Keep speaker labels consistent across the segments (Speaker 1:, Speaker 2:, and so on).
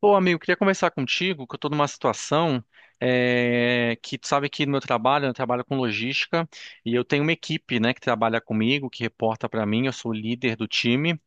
Speaker 1: Pô, amigo, queria conversar contigo, que eu tô numa situação que tu sabe que no meu trabalho, né, eu trabalho com logística e eu tenho uma equipe, né, que trabalha comigo, que reporta pra mim, eu sou o líder do time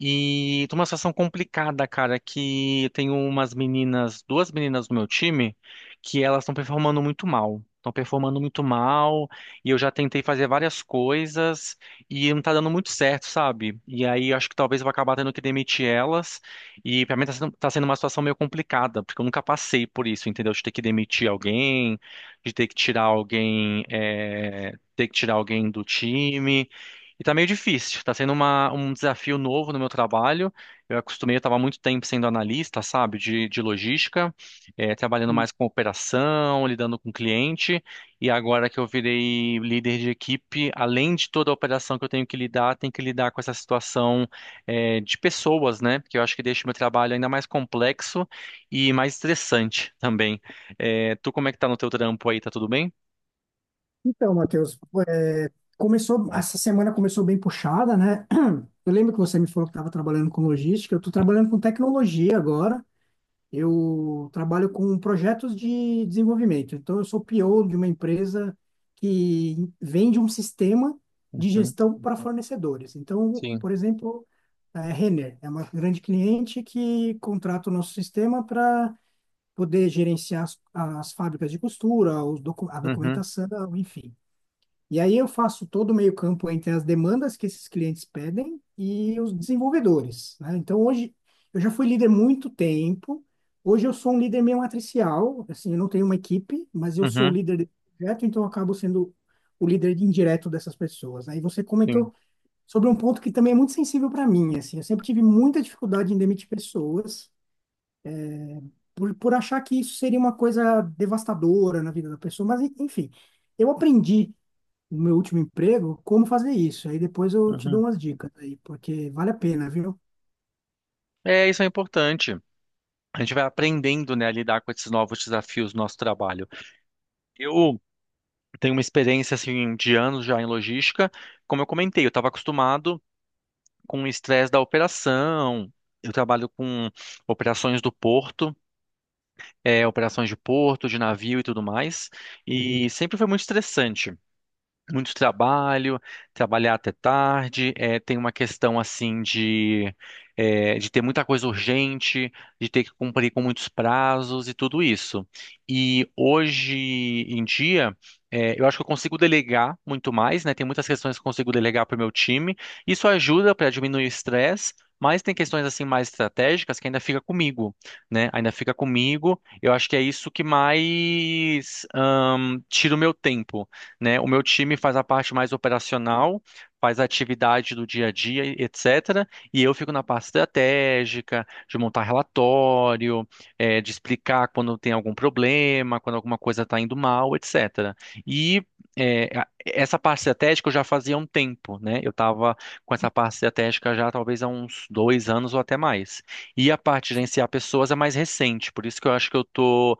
Speaker 1: e tô numa situação complicada, cara, que eu tenho umas meninas, duas meninas do meu time que elas estão performando muito mal. Estão performando muito mal, e eu já tentei fazer várias coisas e não tá dando muito certo, sabe? E aí acho que talvez eu vou acabar tendo que demitir elas. E pra mim tá sendo uma situação meio complicada, porque eu nunca passei por isso, entendeu? De ter que demitir alguém, de ter que tirar alguém, ter que tirar alguém do time. E tá meio difícil, tá sendo um desafio novo no meu trabalho. Eu acostumei, eu estava muito tempo sendo analista, sabe, de logística, trabalhando mais com operação, lidando com cliente. E agora que eu virei líder de equipe, além de toda a operação que eu tenho que lidar, tem que lidar com essa situação de pessoas, né? Porque eu acho que deixa o meu trabalho ainda mais complexo e mais estressante também. É, tu, como é que tá no teu trampo aí? Tá tudo bem?
Speaker 2: Então, Matheus, é, essa semana começou bem puxada, né? Eu lembro que você me falou que estava trabalhando com logística, eu estou trabalhando com tecnologia agora. Eu trabalho com projetos de desenvolvimento. Então, eu sou PO de uma empresa que vende um sistema de
Speaker 1: Uhum,
Speaker 2: gestão para fornecedores. Então,
Speaker 1: sim.
Speaker 2: por exemplo, a Renner é uma grande cliente que contrata o nosso sistema para poder gerenciar as fábricas de costura, a
Speaker 1: Uhum,
Speaker 2: documentação, enfim. E aí eu faço todo o meio-campo entre as demandas que esses clientes pedem e os desenvolvedores, né? Então hoje eu já fui líder muito tempo. Hoje eu sou um líder meio matricial, assim, eu não tenho uma equipe, mas eu sou o
Speaker 1: uhum,
Speaker 2: líder de projeto, então eu acabo sendo o líder indireto dessas pessoas, né? E você
Speaker 1: sim.
Speaker 2: comentou sobre um ponto que também é muito sensível para mim, assim, eu sempre tive muita dificuldade em demitir pessoas por achar que isso seria uma coisa devastadora na vida da pessoa, mas enfim, eu aprendi no meu último emprego como fazer isso. Aí depois eu te dou
Speaker 1: Uhum.
Speaker 2: umas dicas aí, porque vale a pena, viu?
Speaker 1: É, isso é importante. A gente vai aprendendo, né, a lidar com esses novos desafios do nosso trabalho. Eu tenho uma experiência, assim, de anos já em logística. Como eu comentei, eu estava acostumado com o estresse da operação. Eu trabalho com operações do porto. Operações de porto, de navio e tudo mais. E sempre foi muito estressante muito trabalho, trabalhar até tarde, tem uma questão assim de, ter muita coisa urgente, de ter que cumprir com muitos prazos e tudo isso. E hoje em dia, eu acho que eu consigo delegar muito mais, né? Tem muitas questões que eu consigo delegar para o meu time. Isso ajuda para diminuir o estresse. Mas tem questões assim mais estratégicas que ainda fica comigo, né? Ainda fica comigo. Eu acho que é isso que mais, tira o meu tempo, né? O meu time faz a parte mais operacional, faz a atividade do dia a dia, e etc. E eu fico na parte estratégica, de montar relatório, de explicar quando tem algum problema, quando alguma coisa está indo mal, etc. E essa parte estratégica eu já fazia há um tempo, né? Eu estava com essa parte estratégica já talvez há uns 2 anos ou até mais. E a parte de gerenciar pessoas é mais recente, por isso que eu acho que eu estou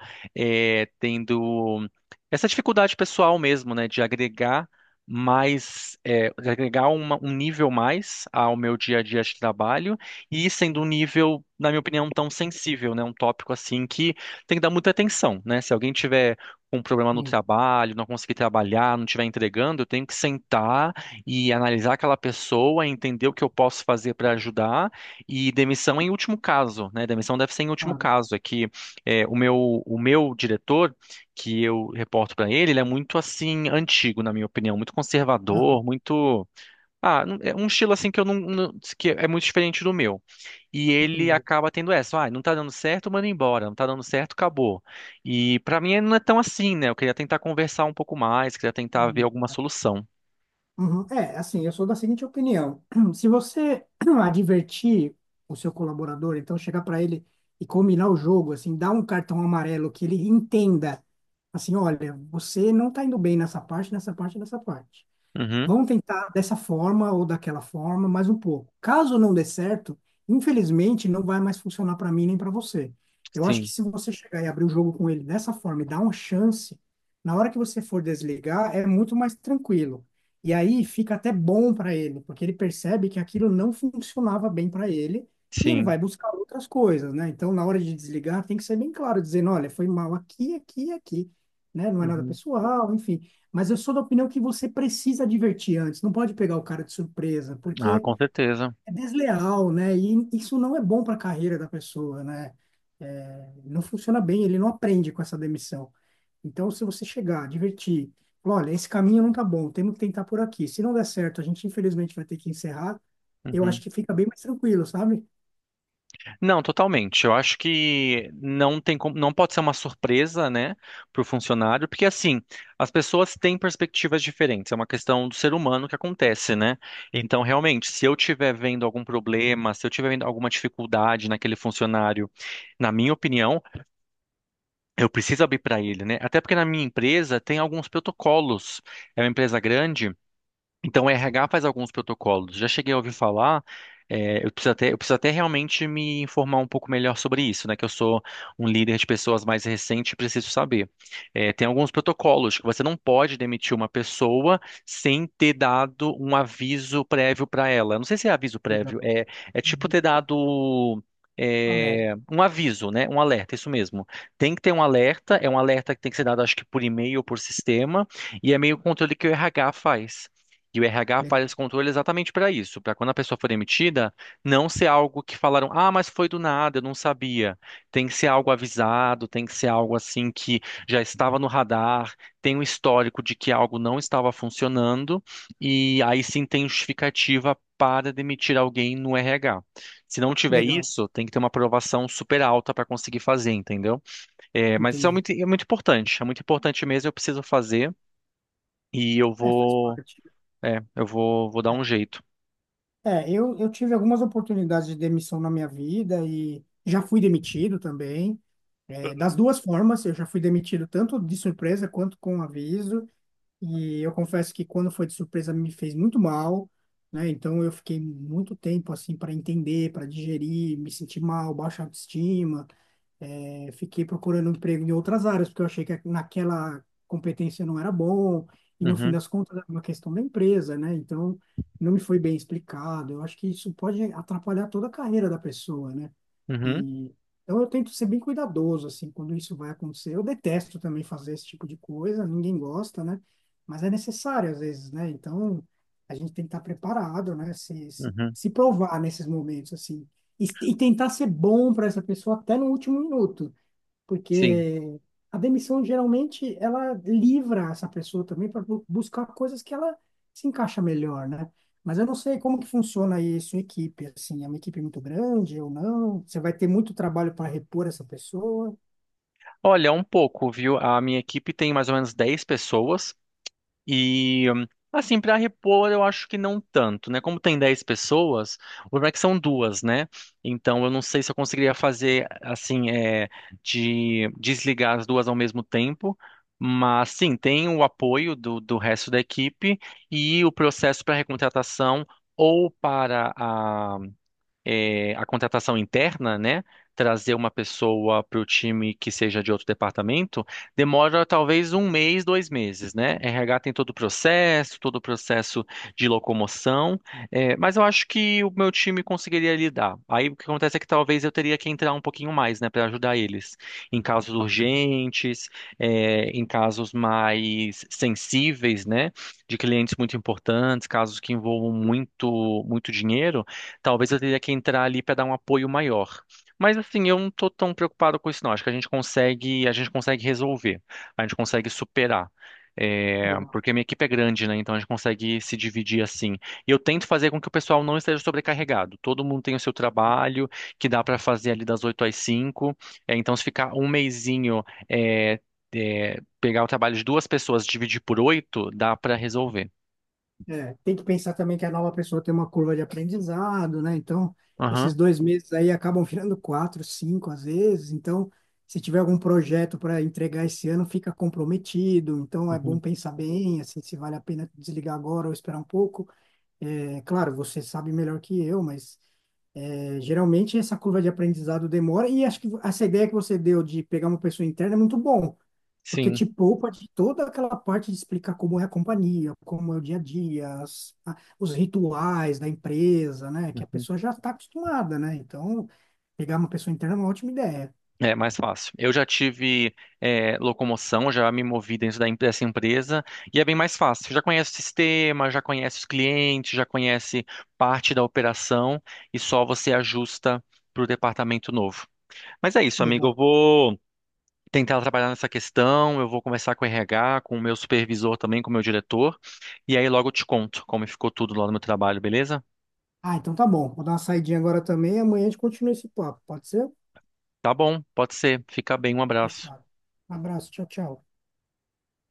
Speaker 1: tendo. Essa dificuldade pessoal mesmo, né, de agregar mais, de agregar um nível mais ao meu dia a dia de trabalho e sendo um nível, na minha opinião, tão sensível, né, um tópico assim que tem que dar muita atenção, né? Se alguém tiver um problema no
Speaker 2: Sim,
Speaker 1: trabalho, não conseguir trabalhar, não estiver entregando, eu tenho que sentar e analisar aquela pessoa, entender o que eu posso fazer para ajudar e demissão em último caso, né? Demissão deve ser em último
Speaker 2: claro.
Speaker 1: caso, é que o meu diretor que eu reporto pra ele, ele é muito assim antigo, na minha opinião, muito
Speaker 2: Aham,
Speaker 1: conservador, muito é um estilo assim que eu que é muito diferente do meu. E ele
Speaker 2: entendi.
Speaker 1: acaba tendo essa, ah, não tá dando certo, manda embora, não tá dando certo, acabou. E pra mim não é tão assim, né? Eu queria tentar conversar um pouco mais, queria tentar ver
Speaker 2: Hum.
Speaker 1: alguma solução.
Speaker 2: Uhum. É, assim, eu sou da seguinte opinião. Se você advertir o seu colaborador, então chegar para ele e combinar o jogo, assim, dar um cartão amarelo que ele entenda, assim, olha, você não está indo bem nessa parte, nessa parte, nessa parte.
Speaker 1: Uhum.
Speaker 2: Vamos tentar dessa forma ou daquela forma, mais um pouco. Caso não dê certo, infelizmente não vai mais funcionar para mim nem para você. Eu acho que
Speaker 1: Sim.
Speaker 2: se você chegar e abrir o jogo com ele dessa forma e dar uma chance, na hora que você for desligar, é muito mais tranquilo. E aí fica até bom para ele, porque ele percebe que aquilo não funcionava bem para ele e ele
Speaker 1: Sim.
Speaker 2: vai buscar outras coisas, né? Então, na hora de desligar, tem que ser bem claro, dizendo, olha, foi mal aqui, aqui, e aqui, né? Não é nada
Speaker 1: Uhum.
Speaker 2: pessoal, enfim. Mas eu sou da opinião que você precisa advertir antes, não pode pegar o cara de surpresa,
Speaker 1: Ah,
Speaker 2: porque
Speaker 1: com certeza.
Speaker 2: é desleal, né? E isso não é bom para a carreira da pessoa, né? É, não funciona bem, ele não aprende com essa demissão. Então, se você chegar, advertir, falar, olha, esse caminho não tá bom, temos que tentar por aqui. Se não der certo, a gente infelizmente vai ter que encerrar. Eu acho
Speaker 1: Uhum.
Speaker 2: que fica bem mais tranquilo, sabe?
Speaker 1: Não, totalmente. Eu acho que não tem como, não pode ser uma surpresa, né, para o funcionário, porque assim, as pessoas têm perspectivas diferentes, é uma questão do ser humano que acontece, né? Então, realmente, se eu estiver vendo algum problema, se eu estiver vendo alguma dificuldade naquele funcionário, na minha opinião, eu preciso abrir para ele, né? Até porque na minha empresa tem alguns protocolos. É uma empresa grande. Então, o RH faz alguns protocolos. Já cheguei a ouvir falar, eu preciso até realmente me informar um pouco melhor sobre isso, né? Que eu sou um líder de pessoas mais recente e preciso saber. É, tem alguns protocolos que você não pode demitir uma pessoa sem ter dado um aviso prévio para ela. Não sei se é aviso
Speaker 2: Legal.
Speaker 1: prévio, é tipo
Speaker 2: Uhum.
Speaker 1: ter dado.
Speaker 2: Alerta.
Speaker 1: Um aviso, né? Um alerta, isso mesmo. Tem que ter um alerta, é um alerta que tem que ser dado, acho que por e-mail ou por sistema, e é meio controle que o RH faz. E o RH
Speaker 2: Legal.
Speaker 1: faz esse controle exatamente para isso, para quando a pessoa for demitida, não ser algo que falaram, ah, mas foi do nada, eu não sabia. Tem que ser algo avisado, tem que ser algo assim que já estava no radar, tem um histórico de que algo não estava funcionando, e aí sim tem justificativa para demitir alguém no RH. Se não tiver
Speaker 2: Legal.
Speaker 1: isso, tem que ter uma aprovação super alta para conseguir fazer, entendeu? É, mas isso
Speaker 2: Entendi.
Speaker 1: é muito importante mesmo, eu preciso fazer. E eu
Speaker 2: É, faz
Speaker 1: vou
Speaker 2: parte.
Speaker 1: eu vou, vou dar
Speaker 2: É.
Speaker 1: um jeito.
Speaker 2: Eu tive algumas oportunidades de demissão na minha vida e já fui demitido também. É, das duas formas, eu já fui demitido tanto de surpresa quanto com aviso. E eu confesso que quando foi de surpresa me fez muito mal, né? Então eu fiquei muito tempo assim para entender, para digerir, me senti mal, baixa autoestima. Fiquei procurando emprego em outras áreas, porque eu achei que naquela competência não era bom, e no fim
Speaker 1: Uhum,
Speaker 2: das contas era uma questão da empresa, né? Então não me foi bem explicado. Eu acho que isso pode atrapalhar toda a carreira da pessoa, né?
Speaker 1: uhum,
Speaker 2: E então eu tento ser bem cuidadoso, assim, quando isso vai acontecer. Eu detesto também fazer esse tipo de coisa, ninguém gosta, né? Mas é necessário às vezes, né? Então a gente tem que estar preparado, né? Se, se,
Speaker 1: uhum.
Speaker 2: se provar nesses momentos, assim. E tentar ser bom para essa pessoa até no último minuto
Speaker 1: Sim.
Speaker 2: porque a demissão geralmente ela livra essa pessoa também para buscar coisas que ela se encaixa melhor, né? Mas eu não sei como que funciona aí a sua equipe, assim, é uma equipe muito grande ou não? Você vai ter muito trabalho para repor essa pessoa?
Speaker 1: Olha, um pouco, viu? A minha equipe tem mais ou menos 10 pessoas e, assim, para repor, eu acho que não tanto, né? Como tem 10 pessoas, o problema é que são duas, né? Então, eu não sei se eu conseguiria fazer, assim, de desligar as duas ao mesmo tempo. Mas sim, tem o apoio do resto da equipe e o processo para recontratação ou para a contratação interna, né? Trazer uma pessoa para o time que seja de outro departamento, demora talvez um mês, 2 meses, né? RH tem todo o processo de locomoção, mas eu acho que o meu time conseguiria lidar. Aí o que acontece é que talvez eu teria que entrar um pouquinho mais, né, para ajudar eles em casos urgentes, em casos mais sensíveis, né, de clientes muito importantes, casos que envolvam muito, muito dinheiro. Talvez eu teria que entrar ali para dar um apoio maior. Mas assim, eu não tô tão preocupado com isso, não. Acho que a gente consegue resolver, a gente consegue superar. É,
Speaker 2: Legal.
Speaker 1: porque a minha equipe é grande, né? Então a gente consegue se dividir assim. E eu tento fazer com que o pessoal não esteja sobrecarregado. Todo mundo tem o seu trabalho, que dá para fazer ali das 8 às 5. É, então, se ficar um mesinho, é, pegar o trabalho de duas pessoas, dividir por 8, dá para resolver.
Speaker 2: É, tem que pensar também que a nova pessoa tem uma curva de aprendizado, né? Então, esses
Speaker 1: Aham,
Speaker 2: dois meses aí acabam virando quatro, cinco às vezes. Então, se tiver algum projeto para entregar esse ano, fica comprometido. Então, é bom
Speaker 1: uhum,
Speaker 2: pensar bem, assim, se vale a pena desligar agora ou esperar um pouco. É, claro, você sabe melhor que eu, mas é, geralmente essa curva de aprendizado demora. E acho que essa ideia que você deu de pegar uma pessoa interna é muito bom, porque
Speaker 1: sim.
Speaker 2: te poupa de toda aquela parte de explicar como é a companhia, como é o dia a dia, os rituais da empresa, né? Que a pessoa já está acostumada, né? Então, pegar uma pessoa interna é uma ótima ideia.
Speaker 1: É mais fácil. Eu já tive locomoção, já me movi dentro dessa empresa e é bem mais fácil. Já conhece o sistema, já conhece os clientes, já conhece parte da operação e só você ajusta para o departamento novo. Mas é isso, amigo.
Speaker 2: Legal.
Speaker 1: Eu vou tentar trabalhar nessa questão. Eu vou conversar com o RH, com o meu supervisor também, com o meu diretor. E aí logo eu te conto como ficou tudo lá no meu trabalho, beleza?
Speaker 2: Ah, então tá bom. Vou dar uma saidinha agora também. Amanhã a gente continua esse papo. Pode ser?
Speaker 1: Tá bom, pode ser. Fica bem, um abraço.
Speaker 2: Fechado. Um abraço. Tchau, tchau.